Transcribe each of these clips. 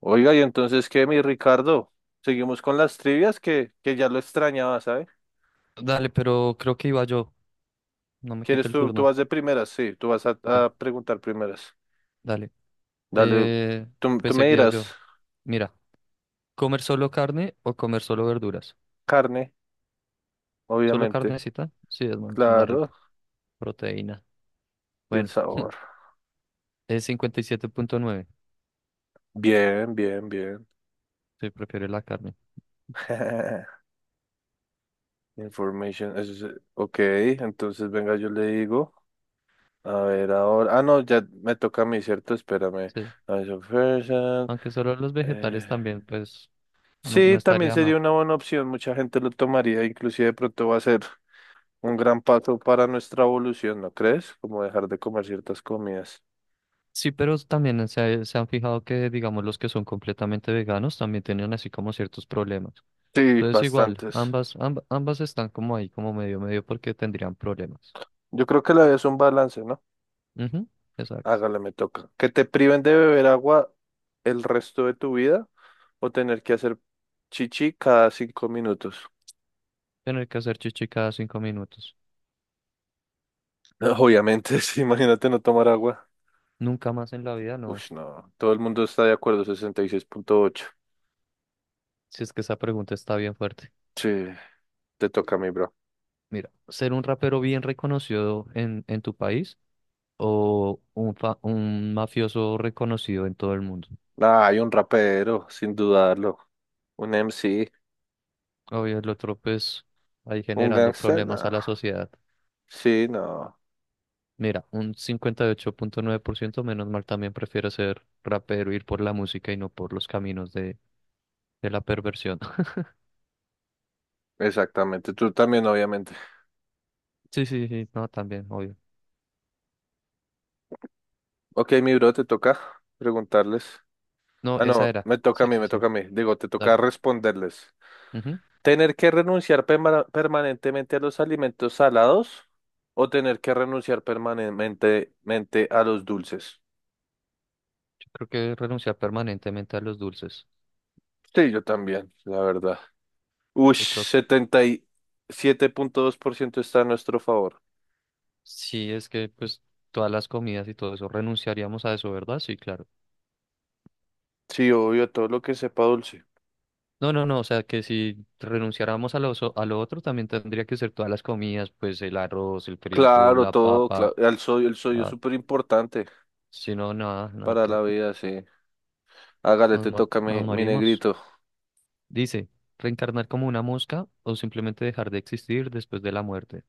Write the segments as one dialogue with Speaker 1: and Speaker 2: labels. Speaker 1: Oiga, y entonces, ¿qué, mi Ricardo? Seguimos con las trivias que ya lo extrañaba, ¿sabes?
Speaker 2: Dale, pero creo que iba yo. No me quita
Speaker 1: ¿Quieres
Speaker 2: el
Speaker 1: tú
Speaker 2: turno.
Speaker 1: vas de primeras? Sí, tú vas a,
Speaker 2: Sí,
Speaker 1: a preguntar primeras.
Speaker 2: dale.
Speaker 1: Dale,
Speaker 2: Eh,
Speaker 1: tú
Speaker 2: pues
Speaker 1: me
Speaker 2: seguía yo.
Speaker 1: dirás
Speaker 2: Mira, ¿comer solo carne o comer solo verduras?
Speaker 1: carne,
Speaker 2: ¿Solo
Speaker 1: obviamente,
Speaker 2: carnecita? Sí, es más rico.
Speaker 1: claro,
Speaker 2: Proteína.
Speaker 1: y el
Speaker 2: Bueno,
Speaker 1: sabor.
Speaker 2: es 57,9.
Speaker 1: Bien, bien, bien.
Speaker 2: Sí, prefiere la carne.
Speaker 1: Information, ok, entonces venga, yo le digo. A ver, ahora. Ah, no, ya me toca a mí, ¿cierto? Espérame.
Speaker 2: Sí.
Speaker 1: A ver, so person.
Speaker 2: Aunque solo los vegetales también, pues no
Speaker 1: Sí, también
Speaker 2: estaría
Speaker 1: sería
Speaker 2: mal.
Speaker 1: una buena opción, mucha gente lo tomaría, inclusive de pronto va a ser un gran paso para nuestra evolución, ¿no crees? Como dejar de comer ciertas comidas.
Speaker 2: Sí, pero también se han fijado que, digamos, los que son completamente veganos también tienen así como ciertos problemas.
Speaker 1: Sí,
Speaker 2: Entonces igual,
Speaker 1: bastantes.
Speaker 2: ambas, ambas están como ahí, como medio medio porque tendrían problemas.
Speaker 1: Yo creo que la vida es un balance, ¿no?
Speaker 2: Ujú, exacto.
Speaker 1: Hágale, me toca. Que te priven de beber agua el resto de tu vida o tener que hacer chichi cada 5 minutos.
Speaker 2: Tener que hacer chichi cada 5 minutos.
Speaker 1: No, obviamente, sí, imagínate no tomar agua.
Speaker 2: Nunca más en la vida, no.
Speaker 1: Ush, no, todo el mundo está de acuerdo, 66,8.
Speaker 2: Si es que esa pregunta está bien fuerte.
Speaker 1: Sí, te toca a mí, bro.
Speaker 2: Mira, ser un rapero bien reconocido en tu país o un mafioso reconocido en todo el mundo.
Speaker 1: Ah, hay un rapero, sin dudarlo. Un MC,
Speaker 2: Obvio, el otro pues ahí
Speaker 1: un
Speaker 2: generando
Speaker 1: gangster,
Speaker 2: problemas
Speaker 1: no.
Speaker 2: a la sociedad.
Speaker 1: Sí, no.
Speaker 2: Mira, un 58,9% menos mal también prefiere ser rapero, ir por la música y no por los caminos de la perversión.
Speaker 1: Exactamente. Tú también, obviamente.
Speaker 2: Sí, sí, sí, no, también, obvio.
Speaker 1: Ok, mi bro, te toca preguntarles.
Speaker 2: No,
Speaker 1: Ah,
Speaker 2: esa
Speaker 1: no,
Speaker 2: era.
Speaker 1: me toca a
Speaker 2: Sí,
Speaker 1: mí,
Speaker 2: sí,
Speaker 1: me
Speaker 2: sí,
Speaker 1: toca a mí. Digo, te toca
Speaker 2: dale.
Speaker 1: responderles.
Speaker 2: Ujú.
Speaker 1: ¿Tener que renunciar permanentemente a los alimentos salados o tener que renunciar permanentemente a los dulces?
Speaker 2: Yo creo que renunciar permanentemente a los dulces.
Speaker 1: Sí, yo también, la verdad. Ush,
Speaker 2: Y creo que
Speaker 1: ciento está a nuestro favor.
Speaker 2: sí, es que pues todas las comidas y todo eso, renunciaríamos a eso, ¿verdad? Sí, claro.
Speaker 1: Sí, obvio, todo lo que sepa dulce.
Speaker 2: No, no, no, o sea que si renunciáramos a lo otro, también tendría que ser todas las comidas, pues el arroz, el frijol,
Speaker 1: Claro,
Speaker 2: la
Speaker 1: todo,
Speaker 2: papa,
Speaker 1: claro. El sodio es
Speaker 2: la-
Speaker 1: súper importante
Speaker 2: si no, nada, nada,
Speaker 1: para
Speaker 2: que
Speaker 1: la vida, sí. Hágale,
Speaker 2: nos,
Speaker 1: te
Speaker 2: mo-
Speaker 1: toca mi,
Speaker 2: nos
Speaker 1: mi
Speaker 2: morimos.
Speaker 1: negrito.
Speaker 2: Dice, reencarnar como una mosca o simplemente dejar de existir después de la muerte.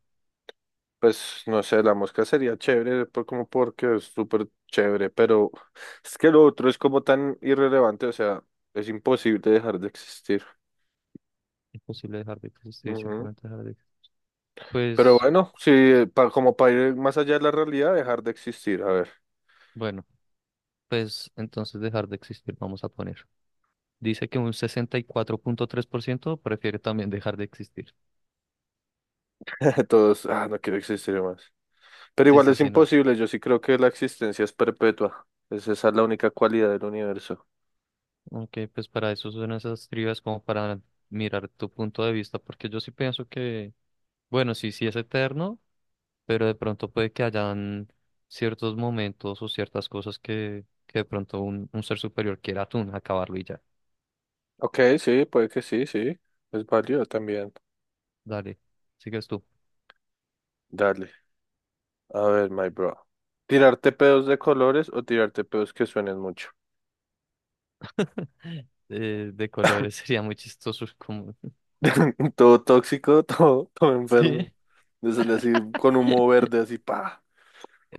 Speaker 1: Pues no sé, la mosca sería chévere, como porque es súper chévere, pero es que lo otro es como tan irrelevante, o sea, es imposible dejar de existir.
Speaker 2: Imposible dejar de existir,
Speaker 1: Ujú.
Speaker 2: simplemente dejar de existir.
Speaker 1: Pero
Speaker 2: Pues
Speaker 1: bueno, sí, como para ir más allá de la realidad, dejar de existir, a ver.
Speaker 2: bueno, pues entonces dejar de existir, vamos a poner. Dice que un 64,3% prefiere también dejar de existir.
Speaker 1: Todos, ah, no quiero existir más. Pero
Speaker 2: Sí,
Speaker 1: igual
Speaker 2: sí,
Speaker 1: es
Speaker 2: sí, no.
Speaker 1: imposible, yo sí creo que la existencia es perpetua. Es Esa es la única cualidad del universo.
Speaker 2: Ok, pues para eso son esas trivias como para mirar tu punto de vista, porque yo sí pienso que, bueno, sí, sí es eterno, pero de pronto puede que hayan ciertos momentos o ciertas cosas que de pronto un ser superior quiera tú acabarlo y ya.
Speaker 1: Ok, sí, puede que sí, sí. Es válido también.
Speaker 2: Dale, sigues tú.
Speaker 1: Dale. A ver, my bro. ¿Tirarte pedos de colores o tirarte pedos que suenen mucho?
Speaker 2: De colores sería muy chistoso. Como.
Speaker 1: Todo tóxico, todo, todo enfermo.
Speaker 2: Sí,
Speaker 1: Le sale así con humo verde, así, pa.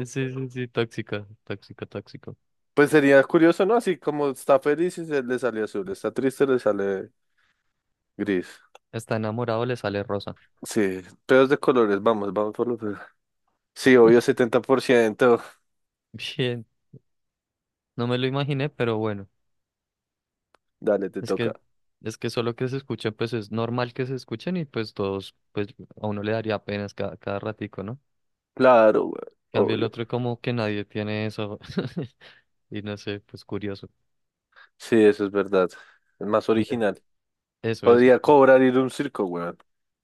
Speaker 2: sí, sí, sí, tóxico, tóxico, tóxico.
Speaker 1: Pues sería curioso, ¿no? Así como está feliz y se le sale azul, está triste, le sale gris.
Speaker 2: Está enamorado, le sale rosa.
Speaker 1: Sí, pedos de colores, vamos, vamos por los pedos. Sí, obvio, 70%.
Speaker 2: Bien, no me lo imaginé, pero bueno,
Speaker 1: Dale, te
Speaker 2: es
Speaker 1: toca.
Speaker 2: que, es que solo que se escuchen, pues es normal que se escuchen y pues todos, pues a uno le daría penas cada ratico, ¿no?
Speaker 1: Claro, güey,
Speaker 2: En cambio el
Speaker 1: obvio.
Speaker 2: otro como que nadie tiene eso y no sé, pues curioso.
Speaker 1: Sí, eso es verdad. Es más
Speaker 2: Mira,
Speaker 1: original.
Speaker 2: eso, eso.
Speaker 1: Podría cobrar ir a un circo, weón.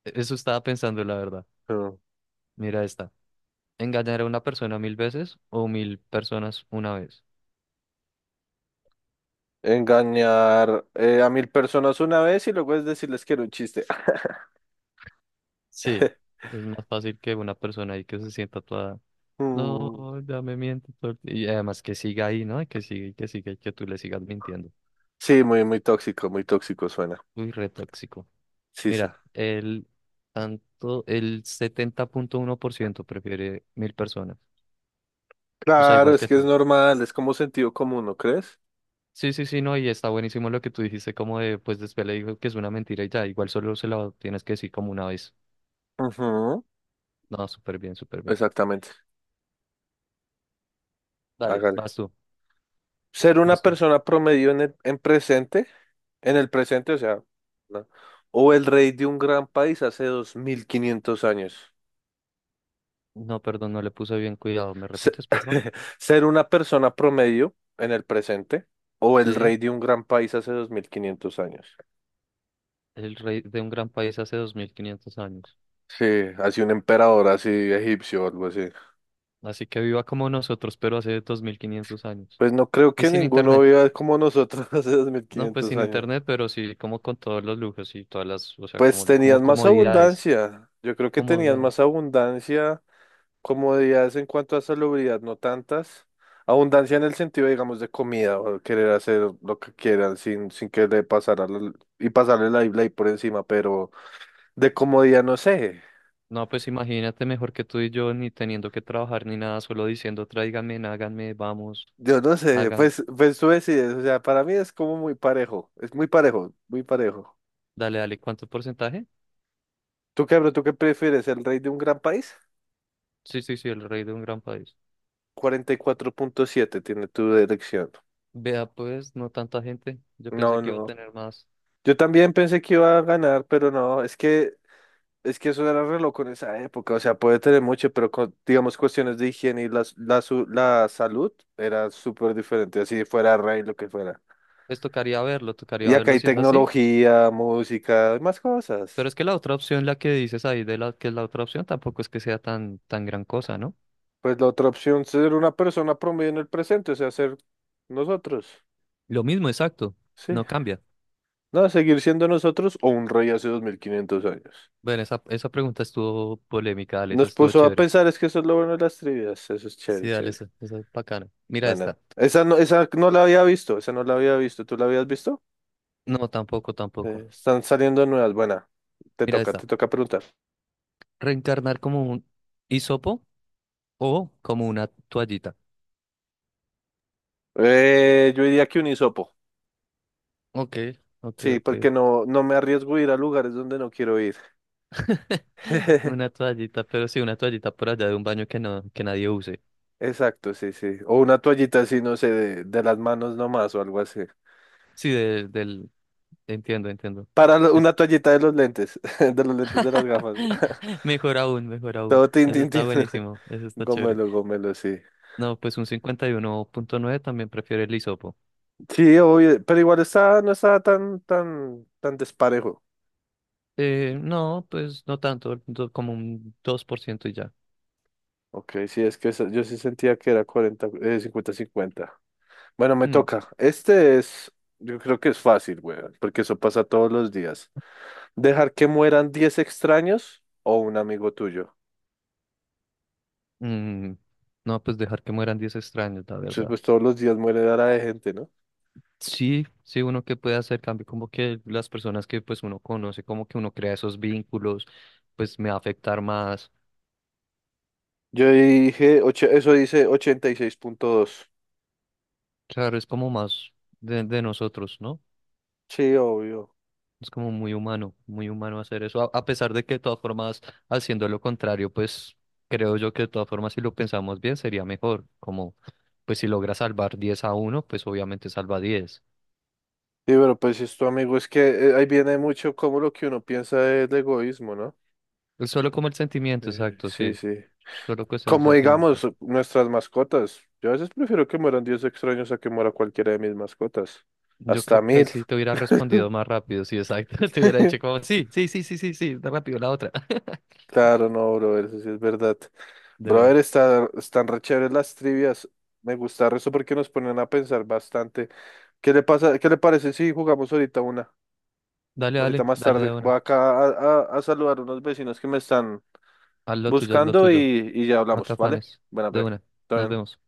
Speaker 2: Eso estaba pensando, la verdad.
Speaker 1: Pero
Speaker 2: Mira esta. Engañar a una persona 1000 veces o 1000 personas una vez.
Speaker 1: engañar a 1000 personas una vez y luego es decirles que era un chiste.
Speaker 2: Sí, es más fácil que una persona ahí que se sienta toda,
Speaker 1: Mm,
Speaker 2: no, ya me miente todo el ti-". Y además que siga ahí, ¿no? Que siga y que siga y que tú le sigas mintiendo.
Speaker 1: sí, muy, muy tóxico suena.
Speaker 2: Uy, re tóxico.
Speaker 1: Sisa.
Speaker 2: Mira, el 70,1% prefiere 1000 personas. O sea,
Speaker 1: Claro,
Speaker 2: igual
Speaker 1: es
Speaker 2: que
Speaker 1: que es
Speaker 2: tú.
Speaker 1: normal, es como sentido común, ¿no crees?
Speaker 2: Sí, sí, sí, no, y está buenísimo lo que tú dijiste, como de, pues después le digo que es una mentira y ya, igual solo se la tienes que decir como una vez.
Speaker 1: Ujú,
Speaker 2: No, súper bien, súper bien.
Speaker 1: exactamente.
Speaker 2: Dale,
Speaker 1: Hágale.
Speaker 2: vas tú,
Speaker 1: Ser una
Speaker 2: vas tú.
Speaker 1: persona promedio en el presente, o sea, ¿no? O el rey de un gran país hace 2500 años.
Speaker 2: No, perdón, no le puse bien cuidado. ¿Me
Speaker 1: Se-
Speaker 2: repites, por favor?
Speaker 1: Ser una persona promedio en el presente o el
Speaker 2: Sí,
Speaker 1: rey de un gran país hace 2500 años.
Speaker 2: el rey de un gran país hace 2500 años.
Speaker 1: Sí, así un emperador así egipcio o algo así.
Speaker 2: Así que viva como nosotros, pero hace 2500 años.
Speaker 1: Pues no creo
Speaker 2: Y
Speaker 1: que
Speaker 2: sin
Speaker 1: ninguno
Speaker 2: internet.
Speaker 1: viva como nosotros hace dos mil
Speaker 2: No, pues
Speaker 1: quinientos
Speaker 2: sin
Speaker 1: años.
Speaker 2: internet, pero sí, como con todos los lujos y todas las, o sea,
Speaker 1: Pues
Speaker 2: como
Speaker 1: tenían más
Speaker 2: comodidades.
Speaker 1: abundancia. Yo creo que tenían
Speaker 2: Comodidades.
Speaker 1: más abundancia, comodidades en cuanto a salubridad, no tantas. Abundancia en el sentido, digamos, de comida o querer hacer lo que quieran sin, que le pasara y pasarle la ley por encima, pero de comodidad, no sé.
Speaker 2: No, pues imagínate mejor que tú y yo, ni teniendo que trabajar ni nada, solo diciendo tráiganme, háganme, vamos,
Speaker 1: Yo no sé,
Speaker 2: hagan.
Speaker 1: pues tú decides. O sea, para mí es como muy parejo. Es muy parejo, muy parejo.
Speaker 2: Dale, dale, ¿cuánto porcentaje?
Speaker 1: ¿Tú qué, bro? ¿Tú qué prefieres? ¿El rey de un gran país?
Speaker 2: Sí, sí, sí, el rey de un gran país.
Speaker 1: 44,7 tiene tu elección.
Speaker 2: Vea, pues, no tanta gente. Yo pensé
Speaker 1: No,
Speaker 2: que iba a
Speaker 1: no.
Speaker 2: tener más.
Speaker 1: Yo también pensé que iba a ganar, pero no. Es que eso era reloj con esa época. O sea, puede tener mucho, pero con, digamos, cuestiones de higiene y la salud era súper diferente. Así fuera rey, lo que fuera.
Speaker 2: Pues tocaría
Speaker 1: Y acá
Speaker 2: verlo
Speaker 1: hay
Speaker 2: si es así.
Speaker 1: tecnología, música y más
Speaker 2: Pero
Speaker 1: cosas.
Speaker 2: es que la otra opción, la que dices ahí de la que es la otra opción, tampoco es que sea tan, tan gran cosa, ¿no?
Speaker 1: Pues la otra opción, ser una persona promedio en el presente, o sea, ser nosotros.
Speaker 2: Lo mismo, exacto.
Speaker 1: Sí.
Speaker 2: No cambia.
Speaker 1: No, seguir siendo nosotros o un rey hace 2500 años.
Speaker 2: Bueno, esa pregunta estuvo polémica, dale, esa
Speaker 1: Nos
Speaker 2: estuvo
Speaker 1: puso a
Speaker 2: chévere.
Speaker 1: pensar, es que eso es lo bueno de las trivias. Eso es
Speaker 2: Sí,
Speaker 1: chévere,
Speaker 2: dale,
Speaker 1: chévere.
Speaker 2: esa es bacana. Mira
Speaker 1: Bueno,
Speaker 2: esta.
Speaker 1: esa no la había visto, esa no la había visto. ¿Tú la habías visto?
Speaker 2: No, tampoco, tampoco.
Speaker 1: Están saliendo nuevas. Buena, te
Speaker 2: Mira
Speaker 1: toca,
Speaker 2: esta.
Speaker 1: te toca preguntar.
Speaker 2: Reencarnar como un hisopo o como una toallita.
Speaker 1: Yo diría que un hisopo.
Speaker 2: Ok, ok,
Speaker 1: Sí,
Speaker 2: ok.
Speaker 1: porque no, no me arriesgo a ir a lugares donde no quiero ir.
Speaker 2: Una toallita, pero sí, una toallita por allá de un baño que no, que nadie use.
Speaker 1: Exacto, sí, sí. O una toallita así, no sé, de las manos nomás o algo así.
Speaker 2: Sí, de- del Entiendo, entiendo.
Speaker 1: Para lo-
Speaker 2: Es-
Speaker 1: una toallita de los lentes, de los lentes de las gafas.
Speaker 2: Mejor aún, mejor aún.
Speaker 1: Todo tin,
Speaker 2: Eso
Speaker 1: tin,
Speaker 2: está
Speaker 1: tin.
Speaker 2: buenísimo, eso está chévere.
Speaker 1: Gomelo, gomelo, sí.
Speaker 2: No, pues un 51,9 también prefiere el hisopo.
Speaker 1: Sí, obvio, pero igual está, no estaba tan, tan, tan desparejo.
Speaker 2: No, pues no tanto, como un 2% y ya.
Speaker 1: Ok, sí, es que yo sí sentía que era 40, 50-50. Bueno, me
Speaker 2: Mm,
Speaker 1: toca. Este es, yo creo que es fácil, weón, porque eso pasa todos los días. ¿Dejar que mueran 10 extraños o un amigo tuyo?
Speaker 2: mm, No, pues dejar que mueran 10 extraños, la
Speaker 1: Entonces,
Speaker 2: verdad.
Speaker 1: pues todos los días muere dara de gente, ¿no?
Speaker 2: Sí, sí, uno que puede hacer cambio, como que las personas que pues uno conoce, como que uno crea esos vínculos, pues me va a afectar más.
Speaker 1: Yo dije, eso dice 86,2,
Speaker 2: Claro, es como más de nosotros, ¿no?
Speaker 1: sí, obvio.
Speaker 2: Es como muy humano hacer eso, a pesar de que de todas formas, haciendo lo contrario, pues creo yo que de todas formas, si lo pensamos bien, sería mejor, como pues si logra salvar 10 a uno pues obviamente salva 10.
Speaker 1: Sí, pero pues esto, amigo, es que ahí viene mucho como lo que uno piensa del egoísmo, ¿no?
Speaker 2: Es solo como el sentimiento, exacto,
Speaker 1: Sí,
Speaker 2: sí,
Speaker 1: sí.
Speaker 2: solo cuestión de
Speaker 1: Como digamos,
Speaker 2: sentimientos.
Speaker 1: nuestras mascotas. Yo a veces prefiero que mueran 10 extraños a que muera cualquiera de mis mascotas.
Speaker 2: Yo
Speaker 1: Hasta
Speaker 2: creo que ahí
Speaker 1: mil.
Speaker 2: sí te hubiera respondido más rápido, sí, exacto, te hubiera dicho como, sí, sí, sí, sí, sí, sí, da rápido la otra,
Speaker 1: Claro, no, brother, eso sí es verdad.
Speaker 2: de una.
Speaker 1: Brother, están re chéveres las trivias. Me gusta eso porque nos ponen a pensar bastante. ¿Qué le pasa? ¿Qué le parece si jugamos ahorita una?
Speaker 2: Dale,
Speaker 1: Ahorita
Speaker 2: dale,
Speaker 1: más
Speaker 2: dale
Speaker 1: tarde.
Speaker 2: de
Speaker 1: Voy
Speaker 2: una.
Speaker 1: acá a saludar a unos vecinos que me están
Speaker 2: Haz lo
Speaker 1: buscando y,
Speaker 2: tuyo,
Speaker 1: y ya
Speaker 2: no te
Speaker 1: hablamos, ¿vale?
Speaker 2: afanes,
Speaker 1: Bueno,
Speaker 2: de
Speaker 1: pues,
Speaker 2: una,
Speaker 1: todo
Speaker 2: nos
Speaker 1: bien.
Speaker 2: vemos.